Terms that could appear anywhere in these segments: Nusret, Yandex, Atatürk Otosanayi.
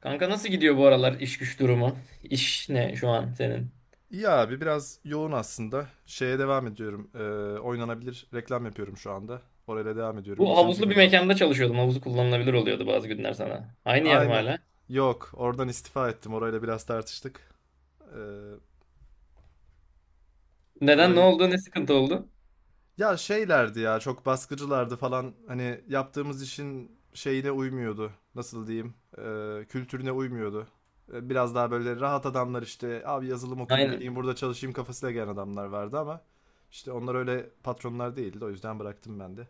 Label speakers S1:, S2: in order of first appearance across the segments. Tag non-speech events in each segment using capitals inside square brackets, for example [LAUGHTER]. S1: Kanka nasıl gidiyor bu aralar iş güç durumu? İş ne şu an senin?
S2: İyi abi biraz yoğun aslında. Şeye devam ediyorum. Oynanabilir reklam yapıyorum şu anda. Orayla devam ediyorum.
S1: Bu
S2: İkinci
S1: havuzlu bir
S2: firma.
S1: mekanda çalışıyordum. Havuzu kullanılabilir oluyordu bazı günler sana. Aynı yer mi
S2: Aynen.
S1: hala?
S2: Yok, oradan istifa ettim. Orayla biraz tartıştık. Ee,
S1: Neden? Ne
S2: orayı
S1: oldu? Ne sıkıntı oldu?
S2: ya şeylerdi ya çok baskıcılardı falan. Hani yaptığımız işin şeyine uymuyordu. Nasıl diyeyim? Kültürüne uymuyordu. Biraz daha böyle rahat adamlar işte abi yazılım okuyayım
S1: Aynen.
S2: geleyim burada çalışayım kafasıyla gelen adamlar vardı ama işte onlar öyle patronlar değildi. O yüzden bıraktım ben de.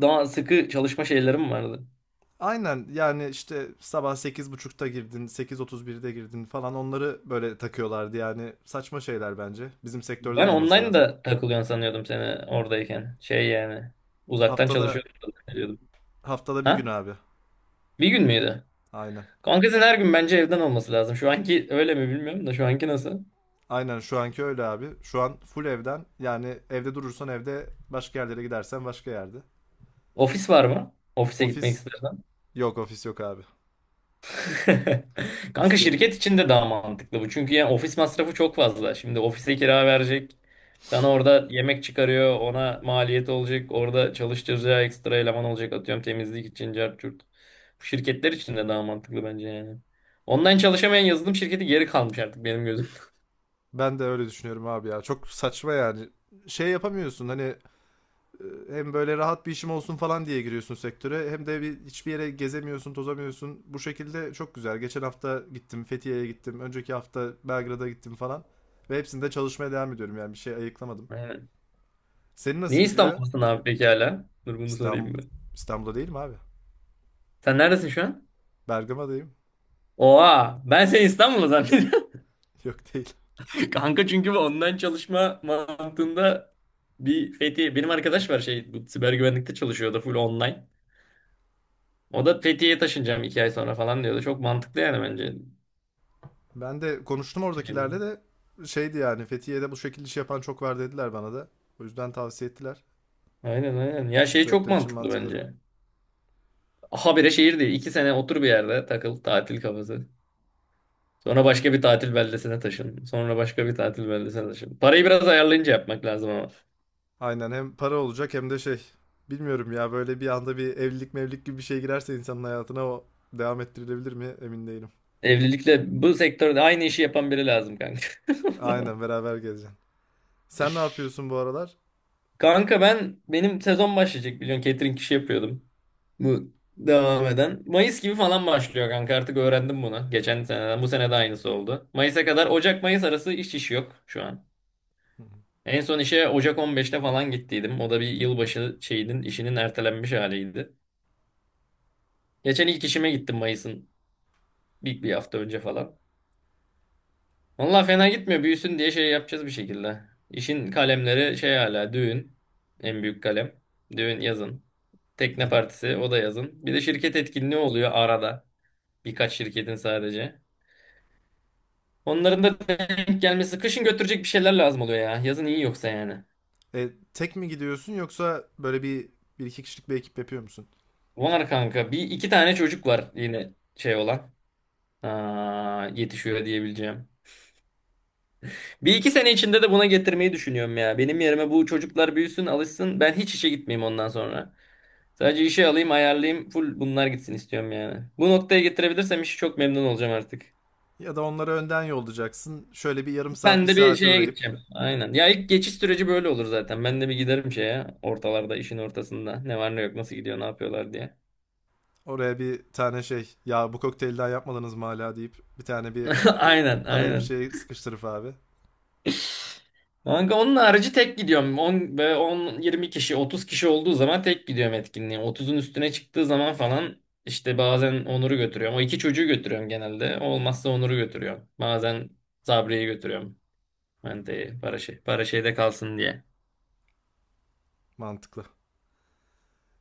S1: Daha sıkı çalışma şeylerim vardı.
S2: Aynen yani işte sabah sekiz buçukta girdin, sekiz otuz birde girdin falan onları böyle takıyorlardı yani saçma şeyler bence. Bizim sektörde
S1: Ben
S2: olmaması
S1: online
S2: lazım.
S1: da takılıyorsun sanıyordum seni oradayken. Şey yani. Uzaktan
S2: Haftada
S1: çalışıyordum sanıyordum.
S2: haftada bir gün
S1: Ha?
S2: abi.
S1: Bir gün müydü?
S2: Aynen.
S1: Kanka senin her gün bence evden olması lazım. Şu anki öyle mi bilmiyorum da şu anki nasıl?
S2: Aynen şu anki öyle abi. Şu an full evden yani evde durursan evde başka yerlere gidersen başka yerde.
S1: Ofis var mı? Ofise
S2: Ofis
S1: gitmek istersen.
S2: ofis yok abi.
S1: [LAUGHS]
S2: [LAUGHS]
S1: Kanka
S2: İsteyemem.
S1: şirket için de daha mantıklı bu. Çünkü yani ofis masrafı çok fazla. Şimdi ofise kira verecek. Sana orada yemek çıkarıyor. Ona maliyet olacak. Orada çalıştıracağı ekstra eleman olacak. Atıyorum temizlik için cart curt. Bu şirketler için de daha mantıklı bence yani. Online çalışamayan yazılım şirketi geri kalmış artık benim gözümde.
S2: Ben de öyle düşünüyorum abi ya. Çok saçma yani. Şey yapamıyorsun hani hem böyle rahat bir işim olsun falan diye giriyorsun sektöre hem de bir, hiçbir yere gezemiyorsun, tozamıyorsun. Bu şekilde çok güzel. Geçen hafta gittim, Fethiye'ye gittim. Önceki hafta Belgrad'a gittim falan. Ve hepsinde çalışmaya devam ediyorum yani bir şey ayıklamadım.
S1: [LAUGHS] Aynen.
S2: Senin nasıl
S1: Niye
S2: gidiyor?
S1: İstanbul'dasın abi peki hala? Dur bunu
S2: İstanbul
S1: sorayım bir.
S2: İstanbul'da değilim abi.
S1: Sen neredesin şu an?
S2: Bergama'dayım.
S1: Oha! Ben seni İstanbul'da zannediyorum.
S2: [LAUGHS] Yok değil.
S1: Kanka çünkü bu online çalışma mantığında bir Fethiye. Benim arkadaş var şey bu siber güvenlikte çalışıyordu full online. O da Fethiye'ye taşınacağım 2 ay sonra falan diyordu. Çok mantıklı yani bence.
S2: Ben de konuştum
S1: Şeyde.
S2: oradakilerle de şeydi yani Fethiye'de bu şekilde iş yapan çok var dediler bana da. O yüzden tavsiye ettiler.
S1: Aynen aynen. Ya
S2: Bu
S1: şey çok
S2: sektör için
S1: mantıklı
S2: mantıklı.
S1: bence. Habire şehir değil. 2 sene otur bir yerde takıl tatil kafası. Sonra başka bir tatil beldesine taşın. Sonra başka bir tatil beldesine taşın. Parayı biraz ayarlayınca yapmak lazım ama.
S2: Aynen hem para olacak hem de şey. Bilmiyorum ya böyle bir anda bir evlilik mevlilik gibi bir şey girerse insanın hayatına o devam ettirilebilir mi emin değilim.
S1: Evlilikle bu sektörde aynı işi yapan biri lazım kanka. [LAUGHS]
S2: Aynen beraber gezeceksin. Sen ne yapıyorsun bu aralar?
S1: Kanka benim sezon başlayacak biliyorsun, catering işi yapıyordum. Bu devam eden. Mayıs gibi falan başlıyor kanka, artık öğrendim bunu. Geçen seneden bu sene de aynısı oldu. Mayıs'a kadar Ocak-Mayıs arası iş yok şu an.
S2: Hı hı,
S1: En son işe Ocak 15'te falan gittiydim. O da bir yılbaşı şeyinin işinin ertelenmiş haliydi. Geçen ilk işime gittim Mayıs'ın bir hafta önce falan. Valla fena gitmiyor, büyüsün diye şey yapacağız bir şekilde. İşin kalemleri şey hala düğün. En büyük kalem. Düğün yazın.
S2: hı
S1: Tekne
S2: hı.
S1: partisi, o da yazın. Bir de şirket etkinliği oluyor arada. Birkaç şirketin sadece. Onların da denk gelmesi. Kışın götürecek bir şeyler lazım oluyor ya. Yazın iyi, yoksa yani.
S2: Tek mi gidiyorsun yoksa böyle bir iki kişilik bir ekip yapıyor musun?
S1: Var kanka. Bir iki tane çocuk var yine şey olan. Aa, yetişiyor diyebileceğim. Bir iki sene içinde de buna getirmeyi düşünüyorum ya. Benim yerime bu çocuklar büyüsün, alışsın. Ben hiç işe gitmeyeyim ondan sonra. Sadece işe alayım, ayarlayayım. Full bunlar gitsin istiyorum yani. Bu noktaya getirebilirsem işi, çok memnun olacağım artık.
S2: Ya da onları önden yollayacaksın. Şöyle bir yarım saat bir
S1: Ben de bir
S2: saate
S1: şeye
S2: uğrayıp
S1: gideceğim. Aynen. Ya ilk geçiş süreci böyle olur zaten. Ben de bir giderim şeye ortalarda, işin ortasında. Ne var ne yok, nasıl gidiyor, ne yapıyorlar diye.
S2: oraya bir tane şey ya bu kokteylden yapmadınız mı hala deyip bir tane bir
S1: [LAUGHS] Aynen
S2: araya bir
S1: aynen.
S2: şey sıkıştırıp abi.
S1: Kanka onun harici tek gidiyorum. 10 ve 10 20 kişi 30 kişi olduğu zaman tek gidiyorum etkinliğe. 30'un üstüne çıktığı zaman falan işte bazen Onur'u götürüyorum. O iki çocuğu götürüyorum genelde. Olmazsa Onur'u götürüyorum. Bazen Sabri'yi götürüyorum. Mente'yi para şey para şeyde kalsın diye.
S2: Mantıklı.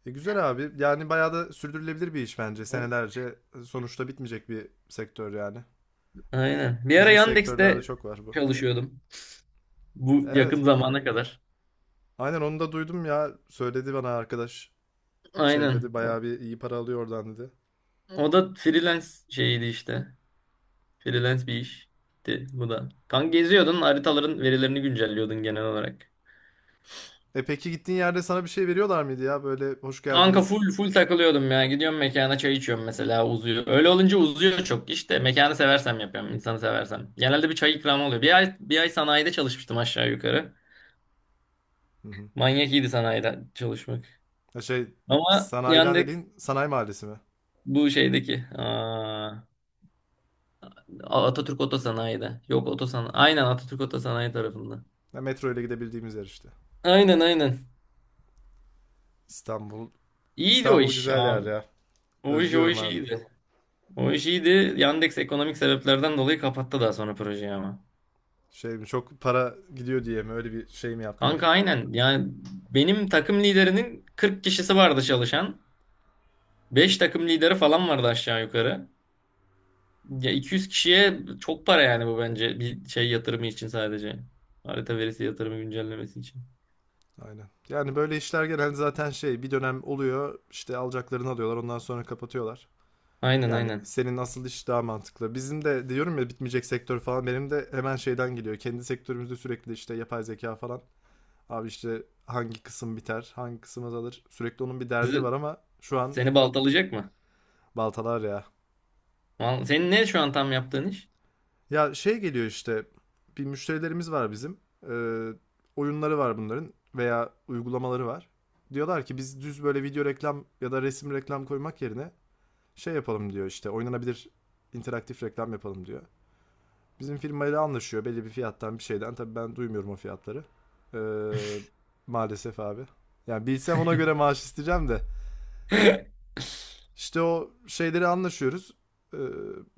S2: E güzel abi. Yani bayağı da sürdürülebilir bir iş bence.
S1: Hı.
S2: Senelerce sonuçta bitmeyecek bir sektör yani.
S1: Aynen. Bir ara
S2: Bizim sektörlerde
S1: Yandex'te
S2: çok var bu.
S1: çalışıyordum. Bu yakın
S2: Evet.
S1: zamana kadar.
S2: Aynen onu da duydum ya. Söyledi bana arkadaş. Şey
S1: Aynen.
S2: dedi
S1: O,
S2: bayağı bir iyi para alıyor oradan dedi.
S1: o da freelance şeyiydi işte. Freelance bir işti bu da. Kanka geziyordun, haritaların verilerini güncelliyordun genel olarak.
S2: E peki gittiğin yerde sana bir şey veriyorlar mıydı ya? Böyle hoş
S1: Kanka
S2: geldiniz.
S1: full full takılıyordum ya. Gidiyorum mekana, çay içiyorum mesela, uzuyor. Öyle olunca uzuyor çok. İşte. Mekanı seversem yapıyorum, insanı seversem. Genelde bir çay ikramı oluyor. Bir ay bir ay sanayide çalışmıştım aşağı yukarı.
S2: Hı hı.
S1: Manyak iyiydi sanayide çalışmak.
S2: Ya şey
S1: Ama
S2: sanayiden
S1: yandık
S2: dediğin sanayi mahallesi mi?
S1: bu şeydeki. Aa, Atatürk Otosanayi'de. Yok, Otosanayi. Aynen, Atatürk Otosanayi tarafında.
S2: Ya metro ile gidebildiğimiz yer işte.
S1: Aynen aynen.
S2: İstanbul.
S1: İyiydi o
S2: İstanbul
S1: iş
S2: güzel yer
S1: abi.
S2: ya.
S1: O iş o
S2: Özlüyorum
S1: iş
S2: abi.
S1: iyiydi. O iş iyiydi. Yandex ekonomik sebeplerden dolayı kapattı daha sonra projeyi ama.
S2: Şey mi çok para gidiyor diye mi öyle bir şey mi
S1: Kanka
S2: yaptılar?
S1: aynen. Yani benim takım liderinin 40 kişisi vardı çalışan. 5 takım lideri falan vardı aşağı yukarı. Ya 200 kişiye çok para yani, bu bence bir şey yatırımı için sadece. Harita verisi yatırımı güncellemesi için.
S2: Aynen. Yani böyle işler genelde zaten şey bir dönem oluyor işte alacaklarını alıyorlar ondan sonra kapatıyorlar.
S1: Aynen
S2: Yani
S1: aynen.
S2: senin asıl iş daha mantıklı. Bizim de diyorum ya bitmeyecek sektör falan benim de hemen şeyden geliyor. Kendi sektörümüzde sürekli işte yapay zeka falan. Abi işte hangi kısım biter, hangi kısım azalır. Sürekli onun bir derdi
S1: Sizi,
S2: var ama şu an
S1: seni baltalayacak mı?
S2: baltalar ya.
S1: Senin ne şu an tam yaptığın iş?
S2: Ya şey geliyor işte bir müşterilerimiz var bizim. Ee, Oyunları var bunların veya uygulamaları var. Diyorlar ki biz düz böyle video reklam ya da resim reklam koymak yerine şey yapalım diyor işte oynanabilir interaktif reklam yapalım diyor. Bizim firmayla anlaşıyor belli bir fiyattan bir şeyden. Tabii ben duymuyorum o fiyatları. Ee, maalesef abi. Yani bilsem ona göre maaş isteyeceğim de.
S1: [LAUGHS]
S2: İşte o şeyleri anlaşıyoruz. Ee,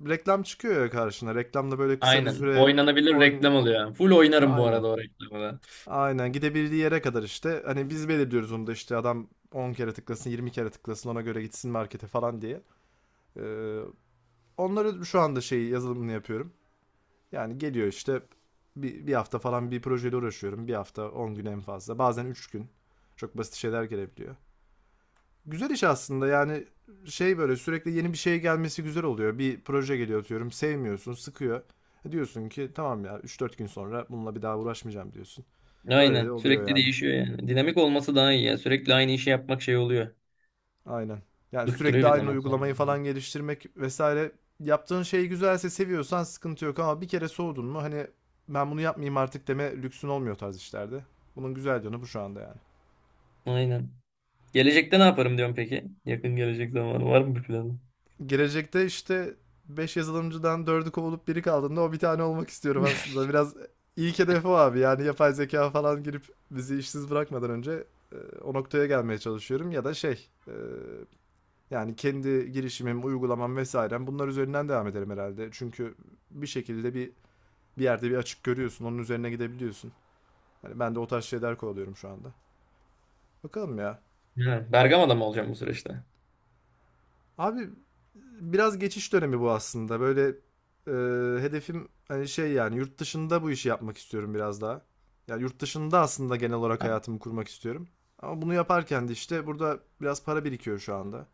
S2: Reklam çıkıyor ya karşına. Reklamda böyle kısa bir
S1: Aynen.
S2: süre
S1: Oynanabilir
S2: oyun...
S1: reklam oluyor yani. Full oynarım bu
S2: Aynen.
S1: arada o reklamı da.
S2: Aynen gidebildiği yere kadar işte. Hani biz belirliyoruz onu da işte adam 10 kere tıklasın 20 kere tıklasın ona göre gitsin markete falan diye. Ee, Onları şu anda şey yazılımını yapıyorum. Yani geliyor işte bir hafta falan bir projeyle uğraşıyorum. Bir hafta 10 gün en fazla. Bazen 3 gün. Çok basit şeyler gelebiliyor. Güzel iş aslında yani şey böyle sürekli yeni bir şey gelmesi güzel oluyor. Bir proje geliyor atıyorum sevmiyorsun sıkıyor. E diyorsun ki tamam ya üç dört gün sonra bununla bir daha uğraşmayacağım diyorsun. Öyle de
S1: Aynen.
S2: oluyor
S1: Sürekli
S2: yani.
S1: değişiyor yani. Dinamik olması daha iyi ya. Sürekli aynı işi yapmak şey oluyor.
S2: Aynen. Yani sürekli
S1: Bıktırıyor bir
S2: aynı
S1: zaman sonra.
S2: uygulamayı falan geliştirmek vesaire. Yaptığın şey güzelse seviyorsan sıkıntı yok ama bir kere soğudun mu hani ben bunu yapmayayım artık deme lüksün olmuyor tarz işlerde. Bunun güzel yanı bu şu anda yani.
S1: Aynen. Gelecekte ne yaparım diyorum peki? Yakın gelecek zamanı var mı bir planın?
S2: Gelecekte işte 5 yazılımcıdan dördü kovulup biri kaldığında o bir tane olmak istiyorum aslında. Biraz ilk hedef o abi yani yapay zeka falan girip bizi işsiz bırakmadan önce e, o noktaya gelmeye çalışıyorum ya da şey yani kendi girişimim, uygulamam vesairem bunlar üzerinden devam ederim herhalde. Çünkü bir şekilde bir yerde bir açık görüyorsun, onun üzerine gidebiliyorsun. Hani ben de o tarz şeyler kovalıyorum şu anda. Bakalım ya.
S1: Ha, Bergama'da mı olacağım bu süreçte?
S2: Abi biraz geçiş dönemi bu aslında. Böyle e, hedefim hani şey yani yurt dışında bu işi yapmak istiyorum biraz daha. Yani yurt dışında aslında genel olarak
S1: Ha,
S2: hayatımı kurmak istiyorum. Ama bunu yaparken de işte burada biraz para birikiyor şu anda.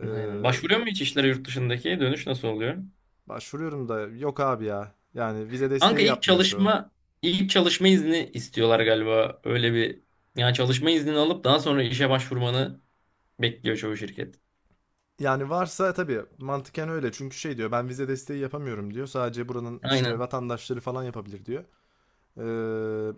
S2: E,
S1: aynen. Başvuruyor mu hiç işlere yurt dışındaki? Dönüş nasıl oluyor?
S2: başvuruyorum da yok abi ya. Yani vize
S1: Kanka
S2: desteği yapmıyor şu.
S1: ilk çalışma izni istiyorlar galiba. Öyle bir, yani çalışma iznini alıp daha sonra işe başvurmanı bekliyor çoğu şirket.
S2: Yani varsa tabii mantıken öyle. Çünkü şey diyor ben vize desteği yapamıyorum diyor. Sadece buranın işte
S1: Aynen.
S2: vatandaşları falan yapabilir diyor. Ee,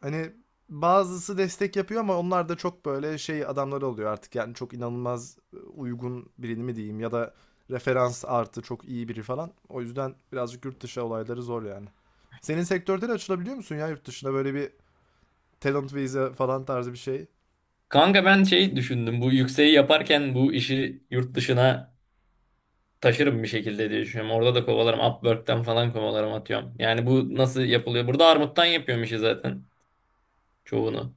S2: hani bazısı destek yapıyor ama onlar da çok böyle şey adamları oluyor artık. Yani çok inanılmaz uygun birini mi diyeyim ya da referans artı çok iyi biri falan. O yüzden birazcık yurt dışı olayları zor yani. Senin sektörde de açılabiliyor musun ya yurt dışına böyle bir talent vize falan tarzı bir şey?
S1: Kanka ben şey düşündüm. Bu yükseği yaparken bu işi yurt dışına taşırım bir şekilde diye düşünüyorum. Orada da kovalarım. Upwork'ten falan kovalarım atıyorum. Yani bu nasıl yapılıyor? Burada armuttan yapıyorum işi zaten çoğunu.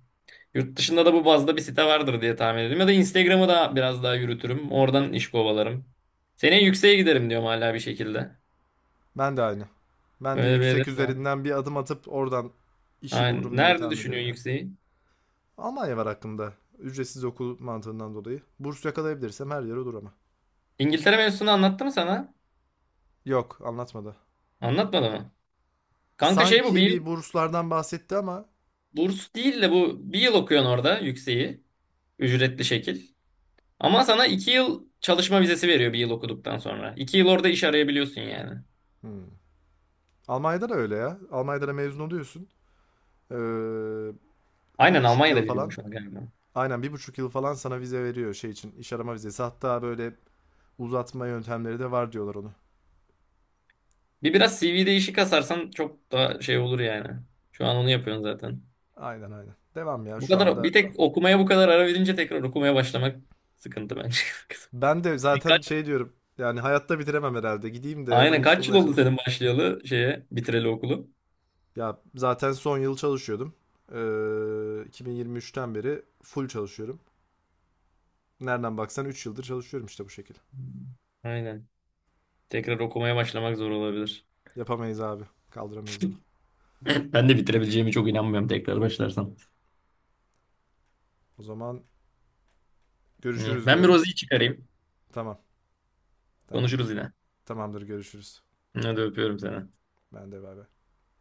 S1: Yurt dışında da bu bazda bir site vardır diye tahmin ediyorum. Ya da Instagram'ı da biraz daha yürütürüm. Oradan iş kovalarım. Seneye yükseğe giderim diyorum hala bir şekilde.
S2: Ben de aynı. Ben de
S1: Böyle bir
S2: yüksek
S1: hedef de var.
S2: üzerinden bir adım atıp oradan işi
S1: Aynen.
S2: bulurum diye
S1: Nerede
S2: tahmin ediyorum
S1: düşünüyorsun
S2: ya.
S1: yükseği?
S2: Almanya var hakkında. Ücretsiz okul mantığından dolayı. Burs yakalayabilirsem her yere olur ama.
S1: İngiltere mevzusunu anlattı mı sana?
S2: Yok, anlatmadı.
S1: Anlatmadı mı? Kanka şey bu bir
S2: Sanki
S1: yıl
S2: bir burslardan bahsetti ama.
S1: burs değil de bu bir yıl okuyorsun orada yükseği. Ücretli şekil. Ama sana 2 yıl çalışma vizesi veriyor bir yıl okuduktan sonra. 2 yıl orada iş arayabiliyorsun yani.
S2: Hmm. Almanya'da da öyle ya. Almanya'da da mezun oluyorsun. Ee, bir
S1: Aynen
S2: buçuk
S1: Almanya'da
S2: yıl falan.
S1: veriyormuş ona galiba.
S2: Aynen bir buçuk yıl falan sana vize veriyor şey için. İş arama vizesi. Hatta böyle uzatma yöntemleri de var diyorlar onu.
S1: Biraz CV değişik kasarsan çok daha şey olur yani. Şu an onu yapıyorsun zaten.
S2: Aynen aynen. Devam ya
S1: Bu
S2: şu
S1: kadar
S2: anda
S1: bir tek okumaya bu kadar ara verince tekrar okumaya başlamak sıkıntı bence.
S2: ben de
S1: [LAUGHS] Sen
S2: zaten
S1: kaç-
S2: şey diyorum. Yani hayatta bitiremem herhalde. Gideyim de hemen
S1: Aynen,
S2: iş
S1: kaç yıl
S2: bulmaya
S1: oldu
S2: çalışayım.
S1: senin başlayalı şeye, bitireli okulu?
S2: Ya zaten son yıl çalışıyordum. 2023'ten beri full çalışıyorum. Nereden baksan 3 yıldır çalışıyorum işte bu şekilde.
S1: Aynen. Tekrar okumaya başlamak zor olabilir. [LAUGHS]
S2: Yapamayız abi. Kaldıramayız onu.
S1: [CLEARS THROAT] Ben de bitirebileceğimi çok inanmıyorum tekrar başlarsam.
S2: O zaman
S1: İyi.
S2: görüşürüz
S1: Ben bir
S2: diyorum.
S1: Rozi'yi çıkarayım.
S2: Tamam.
S1: Konuşuruz
S2: Tamamdır.
S1: yine.
S2: Tamamdır görüşürüz.
S1: Hadi öpüyorum seni.
S2: Ben de bay bay.